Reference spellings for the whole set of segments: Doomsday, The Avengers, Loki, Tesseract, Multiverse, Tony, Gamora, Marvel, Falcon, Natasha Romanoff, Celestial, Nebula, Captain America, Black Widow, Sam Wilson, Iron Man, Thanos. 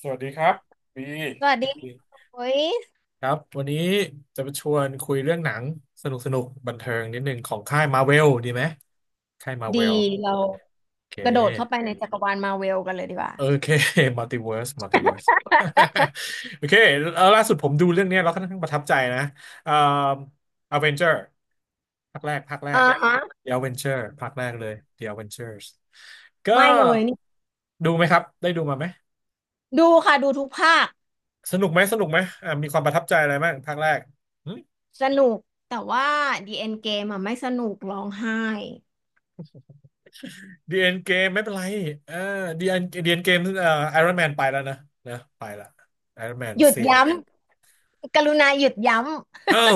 สวัสดีครับบีสวัสดีค่ะโอ้ยครับวันนี้จะมาชวนคุยเรื่องหนังสนุกสนุกบันเทิงนิดหนึ่งของค่ายมาเวลดีไหมค่ายมาเวดีลเราโอเกระโดดเข้าไปคในจักรวาลมาเวลกันเลยดีกว่าโอเค มัลติเวิร์สมัลติเวิร์ส โอเคแล้วล่าสุดผมดูเรื่องเนี้ยแล้วค่อนข้างประทับใจนะเอ่ออเวนเจอร์ภาคแรกภาคแรก อ่าฮะ The a v e n g e r ภาคแรกเลย The a v e n g e r s ก็ไม่เลยนี่ดูไหมครับได้ดูมาไหมดูค่ะดูทุกภาคสนุกไหมสนุกไหมมีความประทับใจอะไรบ้างภาคแรก สนุกแต่ว่าดี e อ็นเกมอะไม่สนุกร้องไห้ดีเอ็นเกมไม่เป็นไรเออดีเอ็นดีเอ็นเกมไอรอนแมนไปแล้วนะนะไปละไอรอนแมนหยุดเสียย้ำกรุณาหยุดย้อ้าว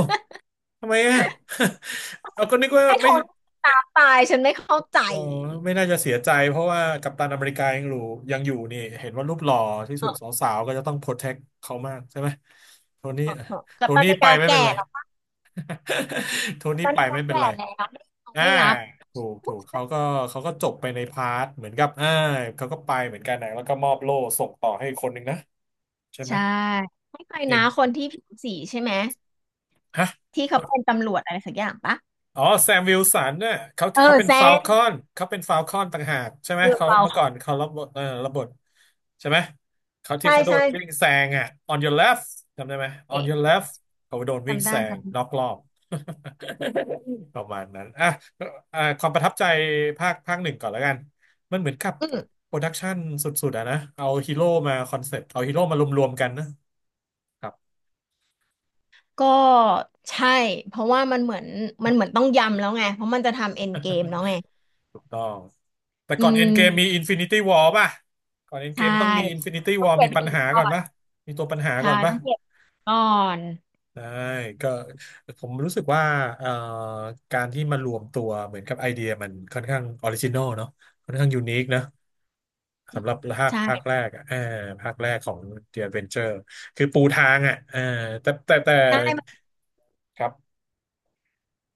ทำไมอ่ะ เอาก็นึกว่าำให้ทไม่นตามตายฉันไม่เข้าใจเออไม่น่าจะเสียใจเพราะว่ากัปตันอเมริกายังอยู่ยังอยู่นี่เห็นว่ารูปหล่อที่สุดสเออาวๆก็จะต้องโปรเทคเขามากใช่ไหมโทนี่ เออ กัโทบตันนี่ไม่ไปกล้าไม่แก่เป็นไร หรอก โทกัปนี่ตันไปไม่กล้าไม่เป็นแก่ไรแล้วเขาอ่าไม่รับถูกถูกเขาก็เขาก็จบไปในพาร์ทเหมือนกับเขาก็ไปเหมือนกันนะแล้วก็มอบโล่ส่งต่อให้อีกคนหนึ่งนะ ใช่ไหมใช่ให้ใครเอ็นะนคนที่ผิวสีใช่ไหมฮะที่เขาเป็นตำรวจอะไรสักอย่างปะอ๋อแซมวิลสันเนี่ยเขาเอเขาอเป็นแซฟ a ลคมอนเขาเป็นฟ a ลคอนต่างหากใช่ไหมคือเขาเปล่า เมื่อก่อนเขารับบทเออรับบทใช่ไหมเขาที่ใช่เขาโดใช่นวิ่งแซงอ่ะ on your left จำได้ไหม เ on your left เขาโดนวิ่งจำได้แซคงรับน็อกรอบ ประมาณนั้นอ่ะอ่ะความประทับใจภาคภาคหนึ่งก่อนแล้วกันมันเหมือนกับอืมโปรดักชันสุดๆอะนะเอาฮีโร่มาคอนเซ็ปต์เอาฮีโร่มารวมๆกันนะครับ ก็ใช่เพราะว่ามันเหมือนต้องยำแล้วไงเพราะมันจะทำเอ็นเกมแล้วไงถูกต้องแต่อืก่อนเอ็นมเกมมีอินฟินิตี้วอป่ะก่อนเอ็นเกใช่มต้องมีอินฟินิตี้ต้วอองเก็มีบปัญหินหาก่ก่ออนนป่ะมีตัวปัญหาใช่ก่อนป่ะต้องเก็บหินก่อนได้ก็ผมรู้สึกว่าเอ่อการที่มารวมตัวเหมือนกับไอเดียมันค่อนข้างออริจินอลเนาะค่อนข้างยูนิคนะสำหรับภาคใช่ภาคแรกอ่ะเออภาคแรกของ The Adventure คือปูทางอ่ะเออแต่ใช่มันครับ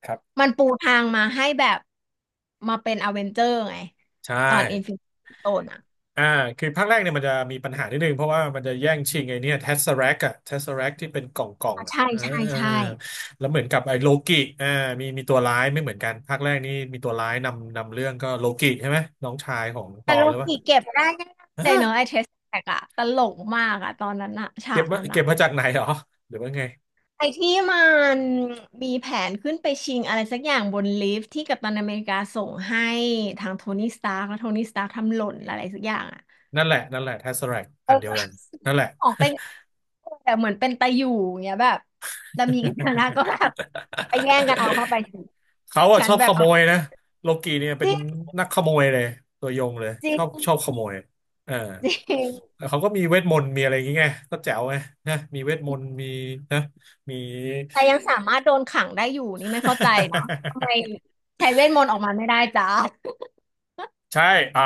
ครับมันปูทางมาให้แบบมาเป็นอเวนเจอร์ไงใช่ ตอนอินฟินิตี้โ n นอ่ะอ่าคือภาคแรกเนี่ยมันจะมีปัญหานิดนึงเพราะว่ามันจะแย่งชิงไอ้เนี่ยเทสเซอแร็กอะเทสเซอแร็กที่เป็นกล่องกล่องอ่ะอะใช่เออใช่เออใช่แล้วเหมือนกับไอ้โลกิอ่ามีตัวร้ายไม่เหมือนกันภาคแรกนี่มีตัวร้ายนำนำเรื่องก็โลกิใช่ไหมน้องชายของตแต่อโลหรือเป่ากิเก็บได้ง่ายๆเลยฮะเนาะไอ้เทสแท็กอะตลกมากอะตอนนั้นอะฉาเก็บกมานั้นเก็อะ บมาจากไหนเหรอหรือว่าไงไอ้ที่มันมีแผนขึ้นไปชิงอะไรสักอย่างบนลิฟต์ที่กัปตันอเมริกาส่งให้ทางโทนี่สตาร์กแล้วโทนี่สตาร์กทำหล่นอะไรสักอย่างอ่ะนั่นแหละนั่นแหละเทสเซอแร็กเออันอเดียวกันนั่นแหละ ของเป็นแต่เหมือนเป็นตะอยู่อย่างเงี้ยแบบแล้วมีกันชนะก็แบบไปแย่งกัน เอาเข้าไปสิเขาอะฉัชนอบแบขบโมเอายนะโลกีเนี่ยจเป็นริงนักขโมยเลยตัวยงเลยจริชอบชอบงขโมยเออจริงแล้วเขาก็มีเวทมนต์มีอะไรอย่างเงี้ยก็แจ๋วไงนะมีเวทมนต์มีนะมี แต่ยังสามารถโดนขังได้อยู่นี่ไม่เข้าใจนะทำไมใช้เวทมนต์ออกมาไม่ได้จ้า ใช่อ่ะ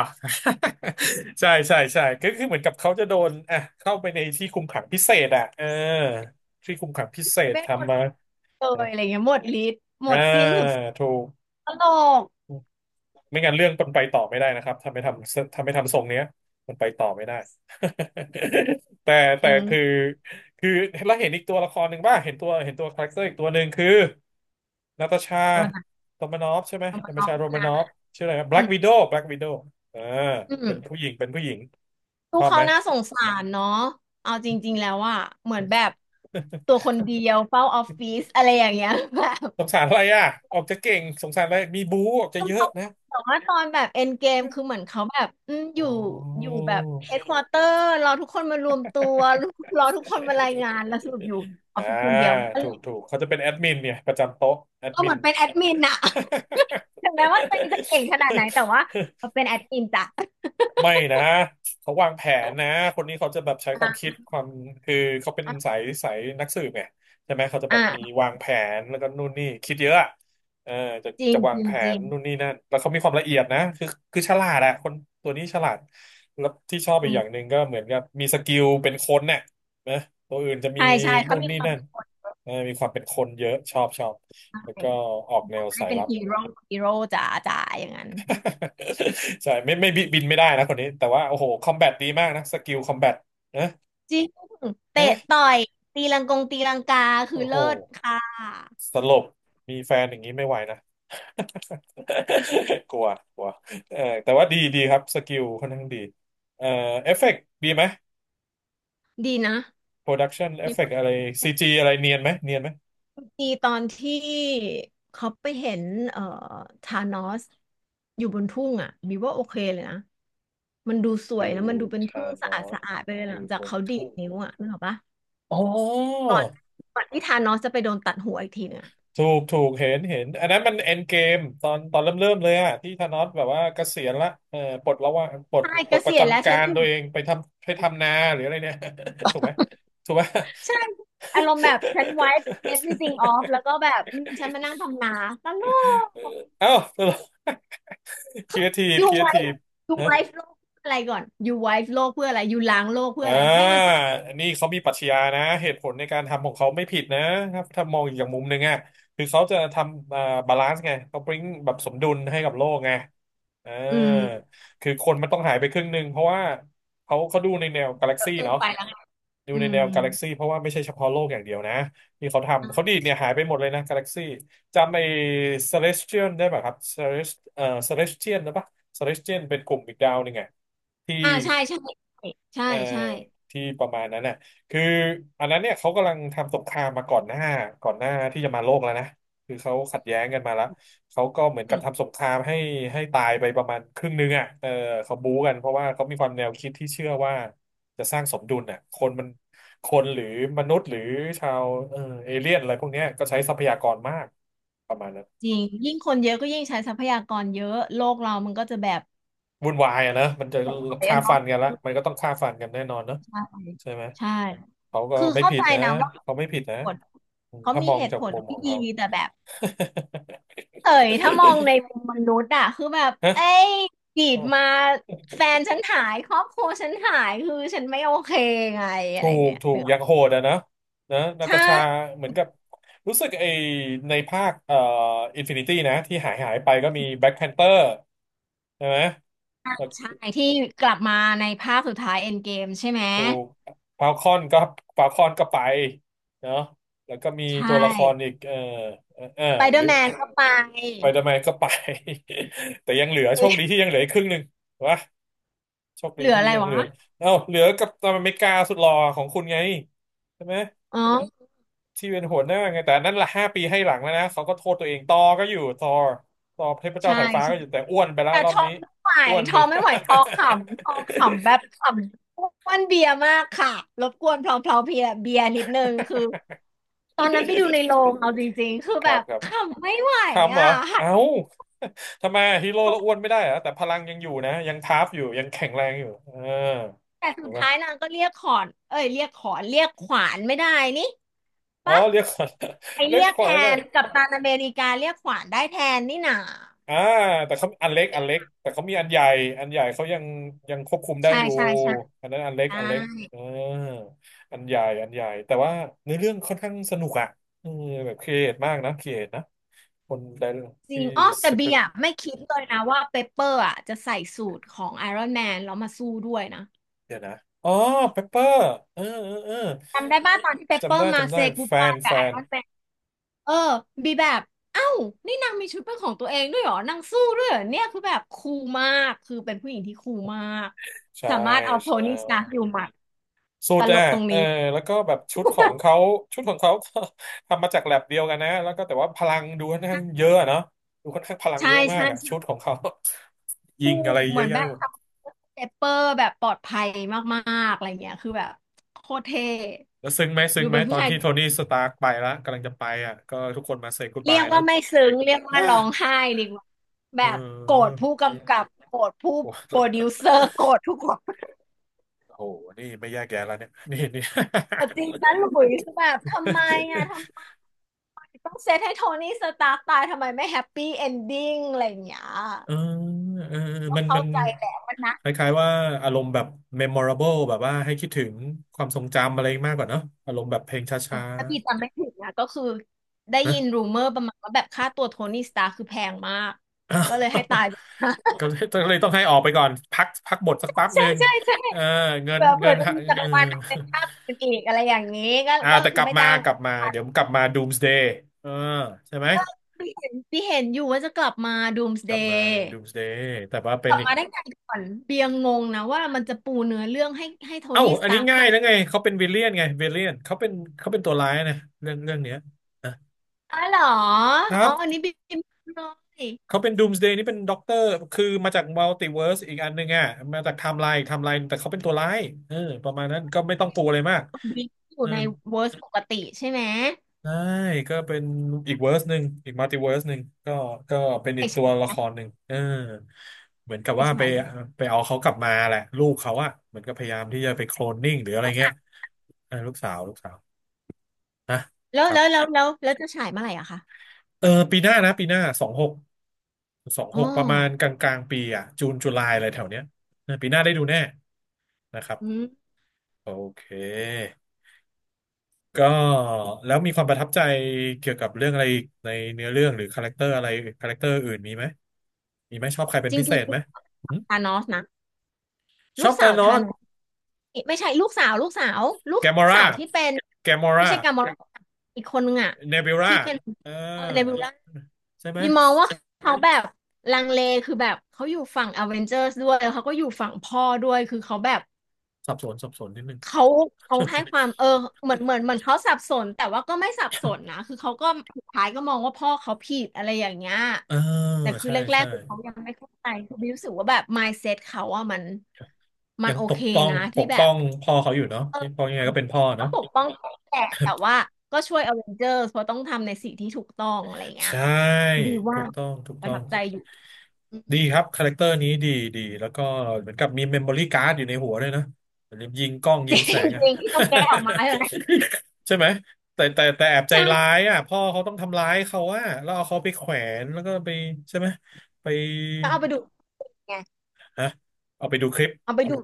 ใช่ใช่ใช่ก็คือเหมือนกับเขาจะโดนอ่ะเข้าไปในที่คุมขังพิเศษอ่ะเออที่คุมขังพิเศใช้ษเวทมนทำตมา์ไปนะเลยอะไรเงี้ยหมดฤทธิ์หมอ่าดสิ้นทุกสิ่งถูก ตลกไม่งั้นเรื่องมันไปต่อไม่ได้นะครับถ้าไม่ทำถ้าไม่ทำทรงเนี้ยมันไปต่อไม่ได้ แต่จแต่ริง คือแล้วเห็นอีกตัวละครหนึ่งป่ะเห็นตัวเห็นตัวคาแรคเตอร์อีกตัวหนึ่งคือนาตาชาโรมานอฟใช่ไหมของนาตาน้องชาโรมานนะอฟชื่ออะไรแบล็อืกมวิโดว์แบล็กวิโดว์เอออืเป็นมผู้หญิงเป็นผู้หญิงลูชอกบเขาไหม น่าสงสารเนาะเอาจริงๆแล้วอะเหมือนแบบตัวค นเดียวเฝ้าออฟฟิศอะไรอย่างเงี้ยแบบสงสารอะไรอ่ะออกจะเก่งสงสารอะไรมีบูออกจะต้อเยอะเขานะแต่ว่าตอนแบบเอ็นเกมคือเหมือนเขาแบบอโอ ยู่อยู่แบบเฮดควอเตอร์รอทุกคนมารวมตัวรอ ทุกคนมารายงานแล้วสรุปอยู่อออ่าฟฟิศคนเดียวถูกถูกเขาจะเป็นแอดมินเนี่ยประจำโต๊ะแอดก็มิเหมืน อนเป็นแอดมินอะถึงแม้ว่าตัวเองจะเก่งขนาดไหนแต่ว่าเป็นแอดมินจ้ะไม่นะเขาวางแผนนะคนนี้เขาจะแบบใช้ความคิอ่าดความคือเขาเป็นสาอ่ายสายนักสืบไงใช่ไหมเขาจะแบบมีอ่าวางแผนแล้วก็นู่นนี่คิดเยอะอะเออจะจริงจะวาจงริแผงจนริงนู่นนี่นั่นแล้วเขามีความละเอียดนะคือฉลาดอะคนตัวนี้ฉลาดแล้วที่ชอบจอีกริอย่างหนึ่งงก็เหมือนกับมีสกิลเป็นคนเนี่ยนะตัวอื่นจะมีใช่ใช่เขานู่นมีนี่ความนั่นเป็น เออมีความเป็นคนเยอะชอบชอบแล้วใช่ก็ออกแนวได้สายเป็นลับ ฮีโร่ฮีโร่จ๋าจ๋าอย่างนั้น ใช่ไม่ไม่บิบินไม่ได้นะคนนี้แต่ว่าโอ้โหคอมแบทดีมากนะสกิลคอมแบทนะจริงเตะนะต่อยตีลังกงตีลังกาคือโอ้โหเลิศค่ะสลบมีแฟนอย่างนี้ไม่ไหวนะ กลัวกลัวเออแต่ว่าดีดีครับสกิลค่อนข้างดีเอ่อเอฟเฟกต์ดีไหมดีนะโปรดักชันเอฟดีเฟกมาต์อะไรกซีจีอะไรเนียนไหมเนียนไหมดีตอนที่เขาไปเห็นเอ่อธานอสอยู่บนทุ่งอ่ะมีว่าโอเคเลยนะมันดูสวยแล้วมันดูเป็นทุ่งสะอาดสะอาดไปเลยหลังจากเขาดีดนิ้วอ่ะนึกออกปะอ๋อ ก่อนก่อนที่ธานอสจะไปโดนตัดหัวอีกทีนึงอะถูกถูกเห็นเห็นอันนั้นมันเอ็นเกมตอนตอนเริ่มเริ่มเลยอะที่ธานอสแบบว่าเกษียณละเออปลดแล้วว่าปลดใช่ปเกลดปษีระยณแล้วจำกาฉันรอยู่ ตัวเองไปทำไปทำนาหรืออะไรเนี่ย ถูกไหมถูกไหม ใช่อารมณ์แบบฉัน wipe everything off แล้วก็แบบฉันมานั่งทำนาตลกเอ้า ครีเขา เอทีฟ you ครีเอ ที wipe ฟ you wipe โลกเพื่ออะไรก่อน you wipe โลกเพื่ออะไร you ล้างโลกเพื่อ่าออะไรให้มันสะอาดอันนี้เขามีปรัชญานะเหตุผลในการทำของเขาไม่ผิดนะครับถ้ามองอีกอย่างมุมหนึ่งอ่ะคือเขาจะทำบาลานซ์ไงเขาบริงแบบสมดุลให้กับโลกไงเอออืมคือคนมันต้องหายไปครึ่งหนึ่งเพราะว่าเขาดูในแนวกาแล็กก็ซี่เกินเนาะไปแล้วไงดูในอืแนวกามแล็กซี่เพราะว่าไม่ใช่เฉพาะโลกอย่างเดียวนะที่เขาทำเขาดีดเนี่ยหายไปหมดเลยนะกาแล็กซี่จำไอ้ Celestial ได้ป่ะครับ Celestial นะปะ Celestial เป็นกลุ่มอีกดาวหนึ่งไงที่ อ่าใช่ใช่ใช่เออใช่ที่ประมาณนั้นน่ะคืออันนั้นเนี่ยเขากำลังทำสงครามมาก่อนหน้าที่จะมาโลกแล้วนะคือเขาขัดแย้งกันมาแล้วเขาก็เหมือนอืกับมทำสงครามให้ให้ตายไปประมาณครึ่งนึงอ่ะเออเขาบู๊กันเพราะว่าเขามีความแนวคิดที่เชื่อว่าจะสร้างสมดุลน่ะคนมันคนหรือมนุษย์หรือชาวเออเอเลี่ยนอะไรพวกเนี้ยก็ใช้ทรัพยากรมากประมาณนั้นจริงยิ่งคนเยอะก็ยิ่งใช้ทรัพยากรเยอะโลกเรามันก็จะแบบวุ่นวายอะนะมันจะหดถอยฆ่าอะฟัเนาะนกันละมันก็ต้องฆ่าฟันกันแน่นอนเนอะใช่ใช่ไหมใช่เขาก็คือไม่เข้าผิใจดนะนะว่าเหตเขาไม่ผิดนะ ุผลเขาถ้ามีมองเหตุจาผกลมุมขที่องเขา ดีแต่แบบ เฉยถ้ามองใน มุมมนุษย์อะคือแบบฮะเอ้ยจีโอ้ดมาแฟนฉันหายครอบครัวฉันหายคือฉันไม่โอเคไงอะถูไรกเนี่ยถูกเนื้ออย่างโหดอะนะนะนาใช่ตาชาเหมือนกับ รู้สึกไอในภาคอินฟินิตี้นะ ที่หายไปก็มีแบล็ c แพนเตอร์ใช่ไหมแล้วใช่ที่กลับมาในภาคสุดท้ายเอ็นเกมใช่ไหมถูกฟาคอนก็ฟาคอนก็ไปเนาะแล้วก็มีใชตัวละคร่อีกเออเออเออสไปเดหอรือร์แมนก็ไปไปดแมนก็ไป แต่ยังเหลือโชคดีที่ยังเหลืออีกครึ่งหนึ่งวะ โชคเหดีลือที่อะไรยังเหวะลือเอ้าเหลือกับตอนอเมริกาสุดหล่อของคุณไงใช่ไหมอ๋อที่เป็นหัวหน้าไงแต่นั่นละ5 ปีให้หลังแล้วนะเขาก็โทษตัวเองต่อก็อยู่ต่อต่อเทพเจ้าใช่สายฟ้าใช่ก็อยู่แต่อ้วนไปแล้วแต่รอทบอนี้มไม่ไหวอ้วนทไปอมแล้ว ไม่ไหวทอขำทอขำแบบขำอ้วนเบียร์มากค่ะรบกวนเพลาเบียร์นิดนึงคือ ตอนนั้นไปดูในโรงเอาจริงๆ คือ คแบรับบครับขำไม่ไหวคำเหรอ่ะอหัดเอ้าทำไมฮีโร่โพแล้สวอ้วนไม่ได้เหรอแต่พลังยังอยู่นะยังทาร์ฟอยู่ยังแข็งแรงอยู่เออแต่สุถูกดปะท้ายนางก็เรียกขอนเอ้ยเรียกขอนเรียกขวานไม่ได้นี่อ๋อปะเรียกขวัญ ไป เรียเรีกยกขแทวัญไม่ได้ นกัปตันอเมริกาเรียกขวานได้แทนนี่หนาอ่าแต่เขาอันเล็กอันเล็กแต่เขามีอันใหญ่อันใหญ่เขายังยังควบคุมได้ใช่อยู่ใช่ใช่อันนั้นอันเล็กใชอันเล็ก่เอออันใหญ่อันใหญ่แต่ว่าเนื้อเรื่องค่อนข้างสนุกอ่ะเออแบบครีเอทมากนะครีเอทนะคนได้จริที่งอ๋อแต่สคเบีริปยร์ต์ไม่คิดเลยนะว่าเปเปอร์อ่ะจะใส่สูตรของไอรอนแมนแล้วมาสู้ด้วยนะเดี๋ยวนะอ๋อเปปเปอร์เออเออเออจำได้ป่ะตอนที่เปเปจำอได้ร์มาจำเซ ได้ y กู o d แฟบานยกัแฟบไอนรอนแมน เออบีแบบเอ้านี่นางมีชุดเป็นของตัวเองด้วยเหรอนางสู้ด้วยเหรอเนี่ยคือแบบคูลมากคือเป็นผู้หญิงที่คูลมากใช่สามารถเอาโทใช่ นี่สตาร์คอยู่หมัดสูตตรลอ่ะกตรงเออนี้ แล้วก็แบบชุดของ เขา ชุดของเขาก็ ทำมาจากแลบเดียวกันนะแล้วก็แต่ว่าพลังดูค่อนข้างเยอะอะเนาะดูค่อนข้างพลังใช่เยอะมากใช่อ่ะชุดขใช่องเขา ยิคู่งอะไรเหเยมืออะนแยะแบบหมดเปเปอร์แบบปลอดภัยมากๆอะไรเงี้ยคือแบบโคตรเท่แล้วซึ้งไหมซึ้งดูไหมเป็นตผู้อนชายที่โทนี่สตาร์กไปแล้วกำลังจะไปอ่ะก็ทุกคนมาเซ y g ก o d เรีบายยกว่าเนาะ ไม่ซึ้งเรียก ว่าอ่าร้องไห้ดีกว่าเแบบโกรธออผู้กำกับโกรธผู้กลัว โปรดิวเซอร์โกรธทุกคนโอ้โห นี่ไม่แยกแยะแล้วเนี่ยนี่ นี่ โกรธ จริงนะหลุยคือแบบทำไมอ่ะทำ ไม ต้องเซตให้โทนี่สตาร์กตายทำไมไม่แฮปปี้เอนดิ้งอะไรอย่างเงี้ยเออเออก็มันเข้ามันใจแหละมันนะคล้ายๆว่าอารมณ์แบบ memorable แบบว่าให้คิดถึงความทรงจำอะไรมากกว่าเนอะอารมณ์แบบเพลงชเออ้าถ้าพี่จำไม่ผิดนะก็คือได้ๆนะ ยินรูเมอร์ประมาณว่าแบบค่าตัวโทนี่สตาร์คคือแพงมากก็เลยให้ตายเลยนะ ก็ เลยก็เลยต้องให้ออกไปก่อนพักพักบทสักแป๊บหใช่นึ่งใช่ใช่เออเงินเผื่อเงิเผื่อนจะฮะมีจักรวาลเป็นภาคอื่นอีกอะไรอย่างนี้ก็อ่าก็แต่กคือลับไม่มาจ้างกลับมาเดี๋ยวกลับมา Doomsday เออใช่ไหมพี่เห็นอยู่ว่าจะกลับมา กลับมา Doomsday Doomsday แต่ว่าเป็กนลับอีกมาได้ไงก่อนเบียงงงนะว่ามันจะปูเนื้อเรื่องให้โทเอ้านี่สอันตานี้ร์ก ง่ายแล้วไงเขาเป็นวิลเลียนไงวิลเลียนเขาเป็นตัวร้ายนะเรื่องเนี้ยอ๋อเหรอนะคอ๋รัอบ อันนี้บิมเลยเขาเป็น Doomsday นี่เป็นด็อกเตอร์คือมาจากมัลติเวิร์สอีกอันหนึ่งอ่ะมาจากไทม์ไลน์แต่เขาเป็นตัวร้ายเออประมาณนั้นก็ไม่ต้องปูอะไรมากบิมอเอยู่อในเวอร์สปกติใช่ไหมใช่ก็เป็นอีกเวิร์สหนึ่งอีกมัลติเวิร์สหนึ่งก็ก็เป็นไออีกตัวฉายละครอะหนึ่งเออเหมือนกับไอว่าไปฉายเลยไหมไปเอาเขากลับมาแหละลูกเขาอะเหมือนก็พยายามที่จะไปโคลนนิ่งหรืออะไรเงี้ยเออลูกสาวลูกสาวนะแล้ควรัแล้วแล้บวแล้วแล้วจะฉายเมื่อไหร่อะคะเออปีหน้านะปีหน้าสองหกสองอ๋อหกประมาณกลางกลางปีอ่ะจูนจุลายอะไรแถวเนี้ยเออปีหน้าได้ดูแน่ นะครับอืมโอเคก็แล้วมีความประทับใจเกี่ยวกับเรื่องอะไรในเนื้อเรื่องหรือคาแรคเตอร์อะไรคาแรคเตอร์อื่นมีไหมมีไหมชอบใครเป็จนริพิงจเศริงษไหมหึธานอสนะ ชลูอกบสาธาวนอธานสอสไม่ใช่ลูกสาวลูแกกมอสาราวที่เป็นแกมอไม่ราใช่กามอรอีกคนนึงอะเนบิวราที่เป็นเออเออเนบิวล่าใช่ไหมบิมมองว่าเขาแบบลังเลคือแบบเขาอยู่ฝั่งอเวนเจอร์สด้วยแล้วเขาก็อยู่ฝั่งพ่อด้วยคือเขาแบบ สับสนนิดนึง เขาเขาให้ความเออเหมือนเขาสับสนแต่ว่าก็ไม่สับสนนะคือเขาก็สุดท้ายก็มองว่าพ่อเขาผิดอะไรอย่างเงี้ย เออแต่คือใช่แรกใช่ๆคือเขายังไม่เข้าใจคือบิวรู้สึกว่าแบบ mindset เขาอะมันมัยันงโอปกเคป้องนะปที่กแบป้อบงพ่อเขาอยู่เนาะเอนี่พ่ออยังไงก็เป็นพ่อก็เนาะปกป้องแหละแต่ว่าก็ช่วยอเวนเจอร์เพราะต้องทำในสิ่งที่ถูกต้องอะไรอย่างเงี้ยใช่ดีถูว่ากต้องถูกปต้ระอทัง บใจอยู่อืดีมครับคาแรคเตอร์นี้ดีดีแล้วก็เหมือนกับมีเมมโมรี่การ์ดอยู่ในหัวด้วยนะเหมือนยิงกล้องจยิงแสริงงอะ จริงที่ต้องแก้ออกมาใช่ไหม ใช่ไหมแต่แอบใจร้าใช่ยอ่ะพ่อเขาต้องทำร้ายเขาอ่ะแล้วเอาเขาไปแขวนแล้วก็ไปใช่ไหมไปก็เอาไปดูไงฮะเอาไปดูคลิปเอาไปดู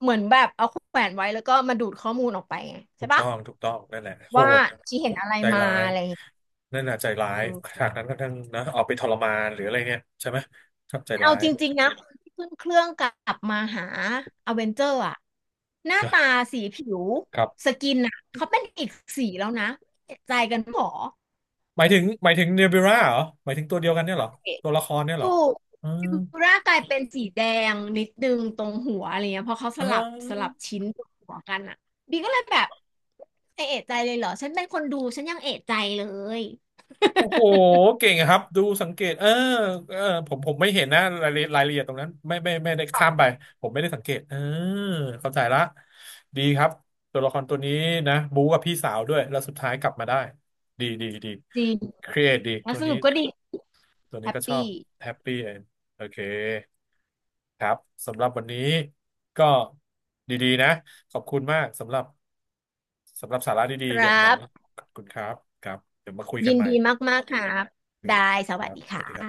เหมือนแบบเอาแขวนไว้แล้วก็มาดูดข้อมูลออกไปไงถูใช่กปะต้องถูกต้องนั่นแหละโหว่าดชีเห็นอะไรใจมาร้ายอะไรอย่างเงี้ยนั่นน่ะใจร้าเออยฉากนั้นก็ทั้งนะเอาไปทรมานหรืออะไรเนี่ยใช่ไหมครับใจเอาร้ายจริงนๆนะคนที่ขึ้นเครื่องกลับมาหาอเวนเจอร์อะหน้าะตาสีผิวครัสบ กินอะเขาเป็นอีกสีแล้วนะเอีใจกันหมอหมายถึงหมายถึงเนบิวราเหรอหมายถึงตัวเดียวกันเนี่ยเหรอตัวละครเนี่ยเหรถูอกอืมฟิบูร่ากลายเป็นสีแดงนิดนึงตรงหัวอะไรเงี้ยเพราะเขาสอ่ลับสลับาชิ้นตรงหัวกันอะบีก็เลยแบบเอะใจเลยเหรอฉันเป็นคนดูฉันยังเอะใจเลย โอ้โหเก่งอะครับดูสังเกตเออเออผมผมไม่เห็นนะรายละเอียดรายละเอียดตรงนั้นไม่ได้ข้ามไปผมไม่ได้สังเกตเออเข้าใจละดีครับตัวละครตัวนี้นะบู๊กับพี่สาวด้วยแล้วสุดท้ายกลับมาได้ดีดีดีจริงครีเอทดีแล้ตัววสนี้รุปก็ดีตัวแฮนี้ปก็ชอบปี้แฮปปี้เอนโอเค ครับสำหรับวันนี้ก็ดีๆนะขอบคุณมากสำหรับสำหรับสาระดีคๆเกี่ยรัวกับหนังบขอบคุณครับครับเดี๋ยวมาคุยกัยินนใหม่ดีมากๆครับคยได้กันสควัรัสบดีสวัสดีครัค่ะบ